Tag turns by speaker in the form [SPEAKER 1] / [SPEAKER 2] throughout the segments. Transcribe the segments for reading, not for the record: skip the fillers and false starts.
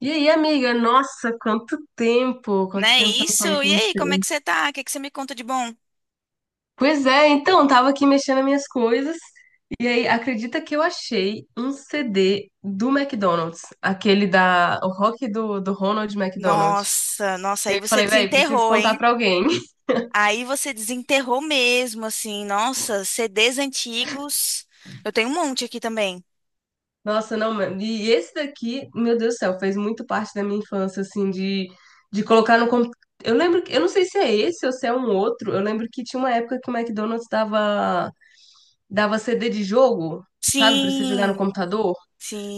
[SPEAKER 1] E aí, amiga? Nossa, quanto tempo!
[SPEAKER 2] Não
[SPEAKER 1] Quanto
[SPEAKER 2] é
[SPEAKER 1] tempo que eu não
[SPEAKER 2] isso?
[SPEAKER 1] falo com
[SPEAKER 2] E aí, como é
[SPEAKER 1] você.
[SPEAKER 2] que você tá? O que você me conta de bom?
[SPEAKER 1] Pois é, então, tava aqui mexendo nas minhas coisas. E aí, acredita que eu achei um CD do McDonald's, aquele da, o rock do Ronald McDonald.
[SPEAKER 2] Nossa,
[SPEAKER 1] E
[SPEAKER 2] aí
[SPEAKER 1] aí eu
[SPEAKER 2] você
[SPEAKER 1] falei, velho, preciso
[SPEAKER 2] desenterrou,
[SPEAKER 1] contar
[SPEAKER 2] hein?
[SPEAKER 1] pra alguém.
[SPEAKER 2] Aí você desenterrou mesmo, assim, nossa, CDs antigos. Eu tenho um monte aqui também.
[SPEAKER 1] Nossa, não, mano. E esse daqui, meu Deus do céu, fez muito parte da minha infância, assim, de colocar no computador. Eu lembro, eu não sei se é esse ou se é um outro. Eu lembro que tinha uma época que o McDonald's dava CD de jogo, sabe, pra você jogar no
[SPEAKER 2] Sim,
[SPEAKER 1] computador.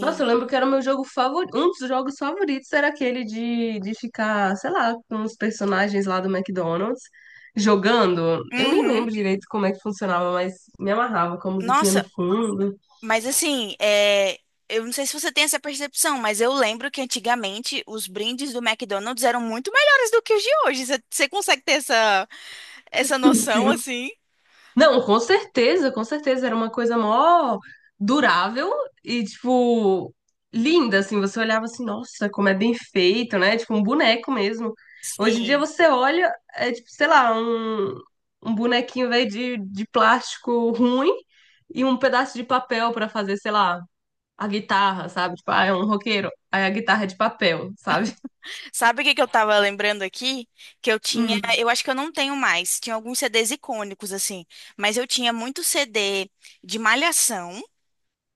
[SPEAKER 1] Nossa, eu lembro que era o meu jogo favorito, um dos jogos favoritos era aquele de ficar, sei lá, com os personagens lá do McDonald's jogando. Eu nem
[SPEAKER 2] Uhum.
[SPEAKER 1] lembro direito como é que funcionava, mas me amarrava com a musiquinha no
[SPEAKER 2] Nossa,
[SPEAKER 1] fundo.
[SPEAKER 2] mas assim, eu não sei se você tem essa percepção, mas eu lembro que antigamente os brindes do McDonald's eram muito melhores do que os de hoje. Você consegue ter essa, essa noção,
[SPEAKER 1] Sim.
[SPEAKER 2] assim?
[SPEAKER 1] Não, com certeza, com certeza. Era uma coisa mó durável e, tipo, linda, assim. Você olhava assim, nossa, como é bem feito, né? Tipo, um boneco mesmo. Hoje em dia
[SPEAKER 2] Sim.
[SPEAKER 1] você olha, é tipo, sei lá, um bonequinho, velho, de plástico ruim e um pedaço de papel pra fazer, sei lá, a guitarra, sabe? Tipo, ah, é um roqueiro, aí a guitarra é de papel, sabe?
[SPEAKER 2] Sabe o que eu tava lembrando aqui? Que eu tinha,
[SPEAKER 1] Hum.
[SPEAKER 2] eu acho que eu não tenho mais, tinha alguns CDs icônicos assim, mas eu tinha muito CD de Malhação.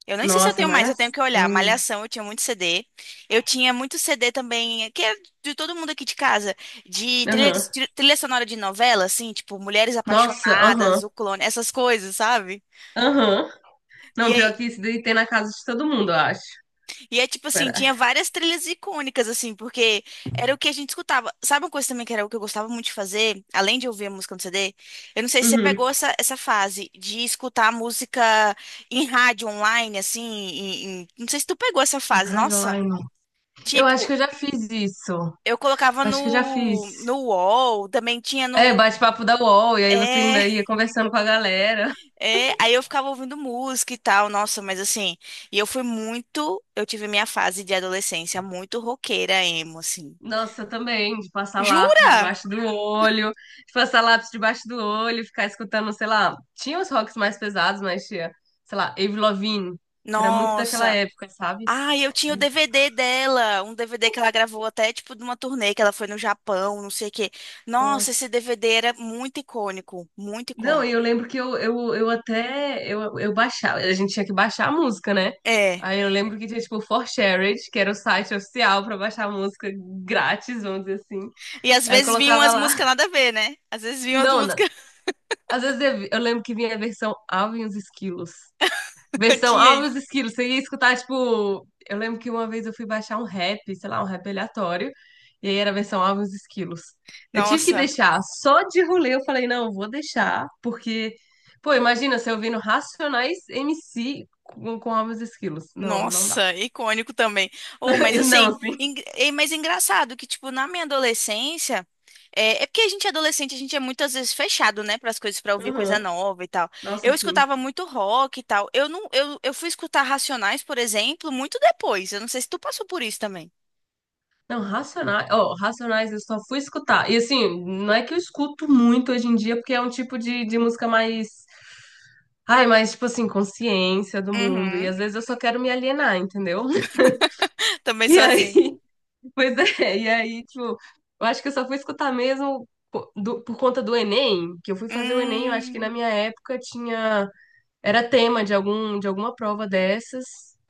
[SPEAKER 2] Eu nem sei se eu
[SPEAKER 1] Nossa,
[SPEAKER 2] tenho mais, eu tenho que olhar.
[SPEAKER 1] malhação.
[SPEAKER 2] Malhação, eu tinha muito CD. Eu tinha muito CD também, que era de todo mundo aqui de casa, de trilha,
[SPEAKER 1] Aham.
[SPEAKER 2] trilha sonora de novela, assim, tipo Mulheres
[SPEAKER 1] Nossa, aham.
[SPEAKER 2] Apaixonadas, O Clone, essas coisas, sabe?
[SPEAKER 1] Aham.
[SPEAKER 2] E
[SPEAKER 1] Não,
[SPEAKER 2] aí,
[SPEAKER 1] pior que isso daí tem na casa de todo mundo, eu acho.
[SPEAKER 2] E é tipo assim,
[SPEAKER 1] Pera.
[SPEAKER 2] tinha várias trilhas icônicas, assim, porque era o que a gente escutava. Sabe uma coisa também que era o que eu gostava muito de fazer, além de ouvir a música no CD? Eu não sei se você
[SPEAKER 1] Uhum.
[SPEAKER 2] pegou essa, essa fase de escutar música em rádio online, assim, não sei se tu pegou essa fase, nossa.
[SPEAKER 1] Hardline. Eu acho que
[SPEAKER 2] Tipo,
[SPEAKER 1] eu já fiz isso. Eu
[SPEAKER 2] eu colocava
[SPEAKER 1] acho que eu já
[SPEAKER 2] no,
[SPEAKER 1] fiz.
[SPEAKER 2] no UOL, também tinha
[SPEAKER 1] É,
[SPEAKER 2] no.
[SPEAKER 1] bate-papo da UOL, e aí você
[SPEAKER 2] É,
[SPEAKER 1] ainda ia conversando com a galera.
[SPEAKER 2] aí eu ficava ouvindo música e tal, nossa, mas assim, e eu fui muito. Eu tive minha fase de adolescência muito roqueira, emo, assim.
[SPEAKER 1] Nossa, também, de passar lápis
[SPEAKER 2] Jura?
[SPEAKER 1] debaixo do olho, de passar lápis debaixo do olho, ficar escutando, sei lá, tinha os rocks mais pesados, mas tinha, sei lá, Avril Lavigne, que era muito daquela
[SPEAKER 2] Nossa.
[SPEAKER 1] época, sabe?
[SPEAKER 2] Ah, eu tinha o DVD dela, um DVD que ela gravou até tipo de uma turnê que ela foi no Japão, não sei o quê. Nossa, esse
[SPEAKER 1] Nossa,
[SPEAKER 2] DVD era muito icônico, muito
[SPEAKER 1] não,
[SPEAKER 2] icônico.
[SPEAKER 1] e eu lembro que eu até eu baixava, a gente tinha que baixar a música, né?
[SPEAKER 2] É.
[SPEAKER 1] Aí eu lembro que tinha tipo o ForShared, que era o site oficial pra baixar a música grátis, vamos dizer assim.
[SPEAKER 2] E às
[SPEAKER 1] Aí
[SPEAKER 2] vezes vinham
[SPEAKER 1] colocava
[SPEAKER 2] as
[SPEAKER 1] lá.
[SPEAKER 2] músicas nada a ver, né? Às vezes vinham as
[SPEAKER 1] Não, não.
[SPEAKER 2] músicas.
[SPEAKER 1] Às vezes eu, eu lembro que vinha a versão Alvin e os Esquilos.
[SPEAKER 2] Eu
[SPEAKER 1] Versão
[SPEAKER 2] tinha isso.
[SPEAKER 1] Alves Esquilos, você ia escutar, tipo. Eu lembro que uma vez eu fui baixar um rap, sei lá, um rap aleatório, e aí era a versão Alves Esquilos. Eu tive que
[SPEAKER 2] Nossa.
[SPEAKER 1] deixar, só de rolê eu falei, não, vou deixar, porque, pô, imagina você ouvindo Racionais MC com Alves Esquilos. Não, não dá.
[SPEAKER 2] Nossa, icônico também. Ou, mas
[SPEAKER 1] E
[SPEAKER 2] assim,
[SPEAKER 1] não, sim.
[SPEAKER 2] é, mas engraçado que, tipo, na minha adolescência, é porque a gente é adolescente, a gente é muitas vezes fechado, né, para as coisas, para ouvir coisa
[SPEAKER 1] Aham.
[SPEAKER 2] nova e tal.
[SPEAKER 1] Nossa,
[SPEAKER 2] Eu
[SPEAKER 1] sim.
[SPEAKER 2] escutava muito rock e tal. Eu não, eu fui escutar Racionais, por exemplo, muito depois. Eu não sei se tu passou por isso também.
[SPEAKER 1] Não, Racionais, ó, Racionais eu só fui escutar. E assim, não é que eu escuto muito hoje em dia, porque é um tipo de música mais. Ai, mas, tipo assim, consciência do mundo. E
[SPEAKER 2] Uhum.
[SPEAKER 1] às vezes eu só quero me alienar, entendeu?
[SPEAKER 2] Também
[SPEAKER 1] E
[SPEAKER 2] sou
[SPEAKER 1] aí,
[SPEAKER 2] assim.
[SPEAKER 1] pois é, e aí, tipo, eu acho que eu só fui escutar mesmo por conta do Enem, que eu fui fazer o Enem, eu acho que na
[SPEAKER 2] Hum,
[SPEAKER 1] minha época tinha, era tema de algum, de alguma prova dessas.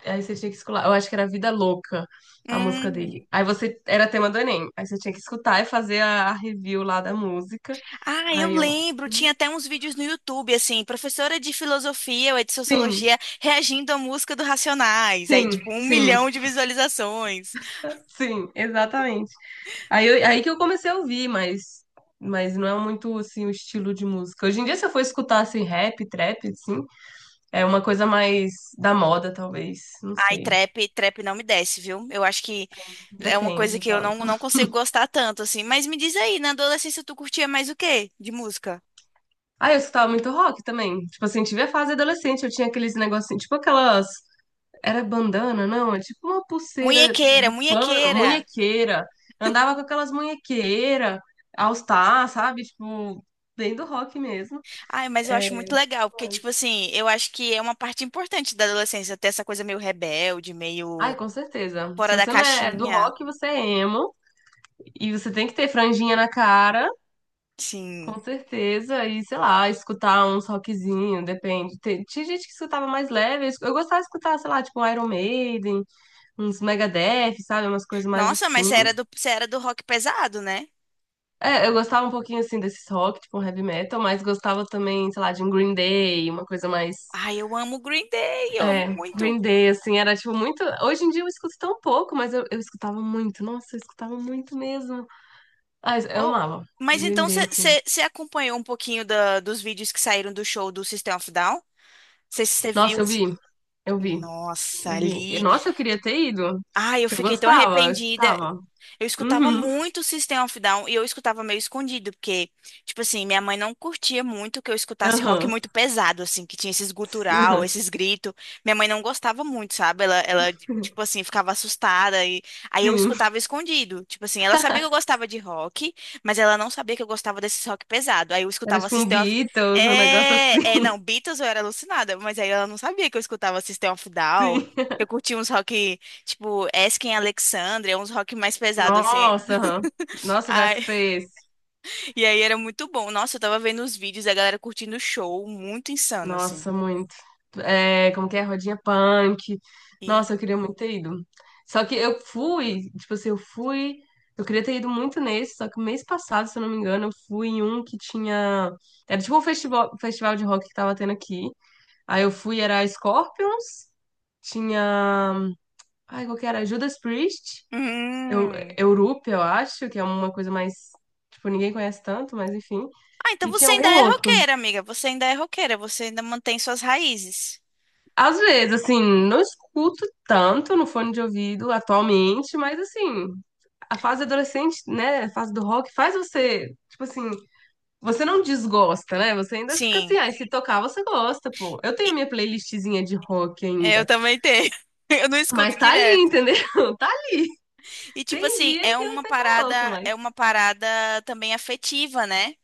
[SPEAKER 1] Aí você tinha que escutar, eu acho que era Vida Louca, a música
[SPEAKER 2] hum.
[SPEAKER 1] dele. Aí você, era tema do Enem, aí você tinha que escutar e fazer a review lá da música.
[SPEAKER 2] Ah, eu
[SPEAKER 1] Aí eu,
[SPEAKER 2] lembro, tinha até uns vídeos no YouTube, assim, professora de filosofia ou de
[SPEAKER 1] sim,
[SPEAKER 2] sociologia reagindo à música do Racionais, aí
[SPEAKER 1] sim,
[SPEAKER 2] tipo um
[SPEAKER 1] sim,
[SPEAKER 2] milhão de visualizações.
[SPEAKER 1] sim, exatamente. Aí, aí que eu comecei a ouvir, mas não é muito assim o estilo de música. Hoje em dia, se eu for escutar assim, rap, trap, assim, é uma coisa mais da moda, talvez. Não
[SPEAKER 2] Ai,
[SPEAKER 1] sei.
[SPEAKER 2] trap não me desce, viu? Eu acho que é uma coisa
[SPEAKER 1] Depende
[SPEAKER 2] que eu
[SPEAKER 1] tanto.
[SPEAKER 2] não, não consigo gostar tanto, assim. Mas me diz aí, na adolescência tu curtia mais o quê de música?
[SPEAKER 1] Ah, eu escutava muito rock também. Tipo assim, tive a fase adolescente, eu tinha aqueles negocinhos, tipo aquelas. Era bandana, não? É tipo uma pulseira
[SPEAKER 2] Munhequeira,
[SPEAKER 1] de pano,
[SPEAKER 2] munhequeira.
[SPEAKER 1] munhequeira. Andava com aquelas munhequeiras, All Star, sabe? Tipo, bem do rock mesmo.
[SPEAKER 2] Ai, mas eu acho muito legal, porque, tipo assim, eu acho que é uma parte importante da adolescência, ter essa coisa meio rebelde,
[SPEAKER 1] Ai,
[SPEAKER 2] meio
[SPEAKER 1] com certeza.
[SPEAKER 2] fora
[SPEAKER 1] Se
[SPEAKER 2] da
[SPEAKER 1] você não é do
[SPEAKER 2] caixinha.
[SPEAKER 1] rock, você é emo. E você tem que ter franjinha na cara,
[SPEAKER 2] Sim.
[SPEAKER 1] com certeza. E, sei lá, escutar uns rockzinho, depende. Tinha gente que escutava mais leve. Eu gostava de escutar, sei lá, tipo um Iron Maiden, uns Megadeth, sabe? Umas coisas mais
[SPEAKER 2] Nossa,
[SPEAKER 1] assim.
[SPEAKER 2] mas você era do rock pesado, né?
[SPEAKER 1] É, eu gostava um pouquinho, assim, desses rock, tipo um heavy metal. Mas gostava também, sei lá, de um Green Day, uma coisa mais...
[SPEAKER 2] Ai, eu amo Green Day, eu amo
[SPEAKER 1] É,
[SPEAKER 2] muito.
[SPEAKER 1] Green Day, assim, era tipo muito. Hoje em dia eu escuto tão pouco, mas eu escutava muito. Nossa, eu escutava muito mesmo. Ah, eu
[SPEAKER 2] Oh,
[SPEAKER 1] amava.
[SPEAKER 2] mas
[SPEAKER 1] Green
[SPEAKER 2] então
[SPEAKER 1] Day, assim.
[SPEAKER 2] você acompanhou um pouquinho dos vídeos que saíram do show do System of Down? Você viu
[SPEAKER 1] Nossa, eu
[SPEAKER 2] assim.
[SPEAKER 1] vi, eu vi,
[SPEAKER 2] Nossa,
[SPEAKER 1] eu vi. E
[SPEAKER 2] ali.
[SPEAKER 1] nossa, eu queria ter ido.
[SPEAKER 2] Ai, eu
[SPEAKER 1] Que eu
[SPEAKER 2] fiquei tão
[SPEAKER 1] gostava, eu
[SPEAKER 2] arrependida.
[SPEAKER 1] escutava.
[SPEAKER 2] Eu escutava
[SPEAKER 1] Uhum,
[SPEAKER 2] muito System of Down e eu escutava meio escondido, porque, tipo assim, minha mãe não curtia muito que eu escutasse rock
[SPEAKER 1] aham,
[SPEAKER 2] muito pesado, assim, que tinha esses gutural,
[SPEAKER 1] aham,
[SPEAKER 2] esses gritos. Minha mãe não gostava muito, sabe? Tipo assim, ficava assustada e aí eu
[SPEAKER 1] sim.
[SPEAKER 2] escutava escondido. Tipo assim, ela sabia que eu gostava de rock, mas ela não sabia que eu gostava desse rock pesado. Aí eu
[SPEAKER 1] Era
[SPEAKER 2] escutava
[SPEAKER 1] tipo um
[SPEAKER 2] System of...
[SPEAKER 1] Beatles, um negócio assim,
[SPEAKER 2] Não, Beatles eu era alucinada, mas aí ela não sabia que eu escutava System of Down.
[SPEAKER 1] sim.
[SPEAKER 2] Eu curtia uns rock. Tipo, Esken Alexandria, uns rock mais pesados, assim.
[SPEAKER 1] Nossa, aham. Nossa, eu já
[SPEAKER 2] Ai,
[SPEAKER 1] escutei.
[SPEAKER 2] e aí era muito bom. Nossa, eu tava vendo os vídeos da galera curtindo o show, muito insano, assim.
[SPEAKER 1] Nossa, muito. É, como que é? Rodinha punk.
[SPEAKER 2] E.
[SPEAKER 1] Nossa, eu queria muito ter ido. Só que eu fui, tipo assim, eu fui. Eu queria ter ido muito nesse, só que mês passado, se eu não me engano, eu fui em um que tinha. Era tipo um festival, festival de rock que tava tendo aqui. Aí eu fui, era Scorpions, tinha. Ai, qual que era? Judas Priest, eu,
[SPEAKER 2] Hum.
[SPEAKER 1] Europe, eu acho, que é uma coisa mais. Tipo, ninguém conhece tanto, mas enfim.
[SPEAKER 2] Ah, então
[SPEAKER 1] E tinha
[SPEAKER 2] você ainda
[SPEAKER 1] algum
[SPEAKER 2] é
[SPEAKER 1] outro.
[SPEAKER 2] roqueira, amiga. Você ainda é roqueira, você ainda mantém suas raízes.
[SPEAKER 1] Às vezes, assim, não escuto tanto no fone de ouvido atualmente, mas assim, a fase adolescente, né, a fase do rock faz você, tipo assim, você não desgosta, né? Você ainda fica assim,
[SPEAKER 2] Sim,
[SPEAKER 1] ah, se tocar você gosta, pô. Eu tenho
[SPEAKER 2] e-
[SPEAKER 1] a minha playlistzinha de rock
[SPEAKER 2] é, eu
[SPEAKER 1] ainda,
[SPEAKER 2] também tenho. Eu não
[SPEAKER 1] mas
[SPEAKER 2] escuto
[SPEAKER 1] tá ali,
[SPEAKER 2] direto.
[SPEAKER 1] entendeu? Tá ali.
[SPEAKER 2] E tipo
[SPEAKER 1] Tem
[SPEAKER 2] assim,
[SPEAKER 1] dia que eu até coloco, mas
[SPEAKER 2] é uma parada também afetiva, né?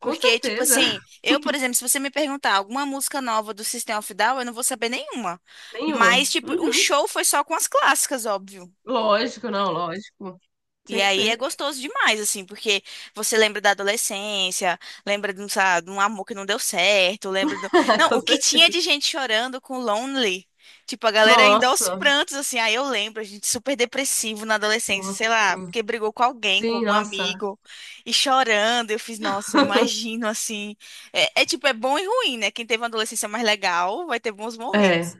[SPEAKER 1] com
[SPEAKER 2] Porque, tipo
[SPEAKER 1] certeza,
[SPEAKER 2] assim, eu, por exemplo, se você me perguntar alguma música nova do System of a Down, eu não vou saber nenhuma.
[SPEAKER 1] nenhuma.
[SPEAKER 2] Mas, tipo, o
[SPEAKER 1] Uhum.
[SPEAKER 2] show foi só com as clássicas, óbvio.
[SPEAKER 1] Lógico, não, lógico.
[SPEAKER 2] E
[SPEAKER 1] Tinha que
[SPEAKER 2] aí é
[SPEAKER 1] ser.
[SPEAKER 2] gostoso demais, assim, porque você lembra da adolescência, lembra de um, sabe, de um amor que não deu certo, lembra do... Não, o
[SPEAKER 1] Com
[SPEAKER 2] que tinha
[SPEAKER 1] certeza.
[SPEAKER 2] de gente chorando com Lonely, tipo, a galera ainda aos
[SPEAKER 1] Nossa,
[SPEAKER 2] prantos, assim, aí eu lembro, a gente super depressivo na adolescência,
[SPEAKER 1] nossa,
[SPEAKER 2] sei lá,
[SPEAKER 1] sim.
[SPEAKER 2] porque brigou com alguém, com
[SPEAKER 1] Sim,
[SPEAKER 2] algum
[SPEAKER 1] nossa.
[SPEAKER 2] amigo, e chorando, eu fiz, nossa, eu imagino, assim, é tipo, é bom e ruim, né? Quem teve uma adolescência mais legal vai ter bons
[SPEAKER 1] É.
[SPEAKER 2] momentos.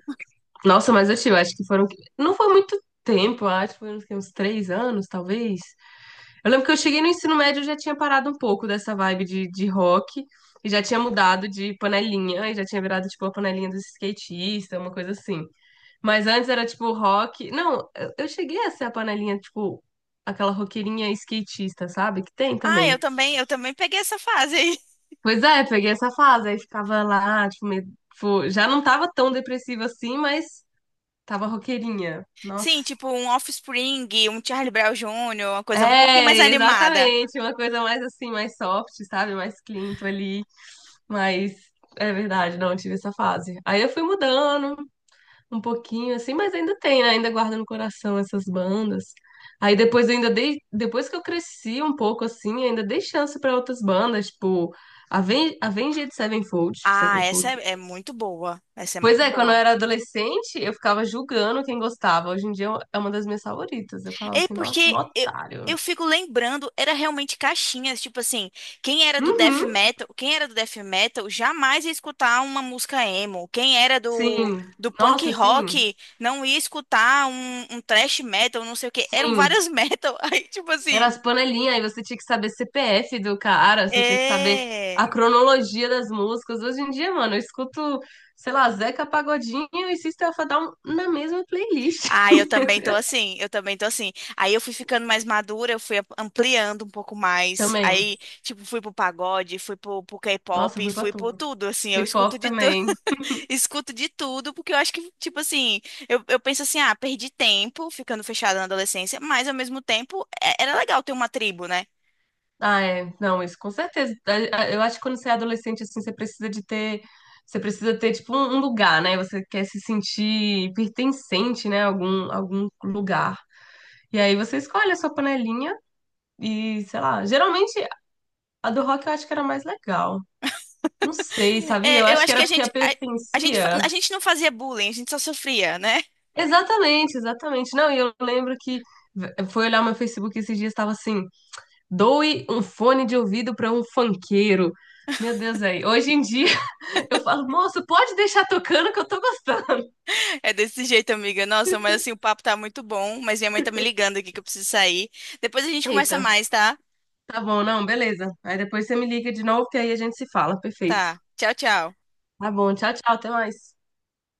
[SPEAKER 1] Nossa, mas assim, eu tive, acho que foram. Não foi muito tempo, acho que foram uns três anos, talvez. Eu lembro que eu cheguei no ensino médio eu já tinha parado um pouco dessa vibe de rock e já tinha mudado de panelinha e já tinha virado tipo a panelinha dos skatistas, uma coisa assim. Mas antes era tipo rock. Não, eu cheguei a ser a panelinha, tipo, aquela roqueirinha skatista, sabe? Que tem
[SPEAKER 2] Ah,
[SPEAKER 1] também.
[SPEAKER 2] eu também peguei essa fase aí.
[SPEAKER 1] Pois é, peguei essa fase, aí ficava lá, tipo, tipo, já não tava tão depressiva assim, mas tava roqueirinha. Nossa.
[SPEAKER 2] Sim, tipo um Offspring, um Charlie Brown Jr., uma coisa um pouquinho
[SPEAKER 1] É,
[SPEAKER 2] mais animada.
[SPEAKER 1] exatamente. Uma coisa mais assim, mais soft, sabe? Mais clean ali. Mas é verdade, não tive essa fase. Aí eu fui mudando um pouquinho, assim, mas ainda tem, né? Ainda guardo no coração essas bandas. Aí depois eu ainda dei, depois que eu cresci um pouco assim, ainda dei chance pra outras bandas, tipo Avenged Sevenfold,
[SPEAKER 2] Ah,
[SPEAKER 1] Sevenfold.
[SPEAKER 2] é muito boa. Essa é
[SPEAKER 1] Pois
[SPEAKER 2] muito
[SPEAKER 1] é, quando eu
[SPEAKER 2] boa.
[SPEAKER 1] era adolescente, eu ficava julgando quem gostava. Hoje em dia é uma das minhas favoritas. Eu falava
[SPEAKER 2] É
[SPEAKER 1] assim, nossa, um
[SPEAKER 2] porque eu,
[SPEAKER 1] otário.
[SPEAKER 2] eu fico lembrando, era realmente caixinhas, tipo assim,
[SPEAKER 1] Uhum.
[SPEAKER 2] quem era do death metal jamais ia escutar uma música emo.
[SPEAKER 1] Sim,
[SPEAKER 2] Do punk
[SPEAKER 1] nossa, sim,
[SPEAKER 2] rock não ia escutar um thrash metal, não sei o quê. Eram
[SPEAKER 1] sim.
[SPEAKER 2] várias metal. Aí, tipo
[SPEAKER 1] Era
[SPEAKER 2] assim,
[SPEAKER 1] as panelinhas, aí você tinha que saber CPF do cara, você tinha que saber a
[SPEAKER 2] é.
[SPEAKER 1] cronologia das músicas. Hoje em dia, mano, eu escuto, sei lá, Zeca Pagodinho e System of a Down na mesma playlist
[SPEAKER 2] Ah, eu também tô assim. Aí eu fui ficando mais madura, eu fui ampliando um pouco mais.
[SPEAKER 1] também.
[SPEAKER 2] Aí, tipo, fui pro pagode, fui pro
[SPEAKER 1] Nossa,
[SPEAKER 2] K-pop,
[SPEAKER 1] fui pra
[SPEAKER 2] fui pro
[SPEAKER 1] tudo.
[SPEAKER 2] tudo, assim. Eu escuto
[SPEAKER 1] K-pop
[SPEAKER 2] de tudo,
[SPEAKER 1] também.
[SPEAKER 2] escuto de tudo, porque eu acho que, tipo assim, eu penso assim, ah, perdi tempo ficando fechada na adolescência, mas ao mesmo tempo era legal ter uma tribo, né?
[SPEAKER 1] Ah, é. Não, isso com certeza. Eu acho que quando você é adolescente, assim, você precisa de ter. Você precisa ter, tipo, um lugar, né? Você quer se sentir pertencente, né? Algum, algum lugar. E aí você escolhe a sua panelinha. E, sei lá, geralmente a do rock eu acho que era mais legal. Não sei, sabia? Eu
[SPEAKER 2] É, eu
[SPEAKER 1] acho que
[SPEAKER 2] acho que
[SPEAKER 1] era porque a
[SPEAKER 2] a gente,
[SPEAKER 1] pertencia.
[SPEAKER 2] a gente não fazia bullying, a gente só sofria, né?
[SPEAKER 1] Exatamente, exatamente. Não, e eu lembro que eu fui olhar meu Facebook esses dias, estava assim: doe um fone de ouvido para um funkeiro. Meu Deus, aí. Hoje em dia eu falo, moço, pode deixar tocando que eu tô gostando.
[SPEAKER 2] É desse jeito, amiga. Nossa, mas assim, o papo tá muito bom, mas minha mãe tá me ligando aqui que eu preciso sair. Depois a gente conversa
[SPEAKER 1] Eita,
[SPEAKER 2] mais, tá?
[SPEAKER 1] tá bom, não, beleza. Aí depois você me liga de novo que aí a gente se fala. Perfeito.
[SPEAKER 2] Tá. Tchau, tchau.
[SPEAKER 1] Tá bom, tchau, tchau, até mais.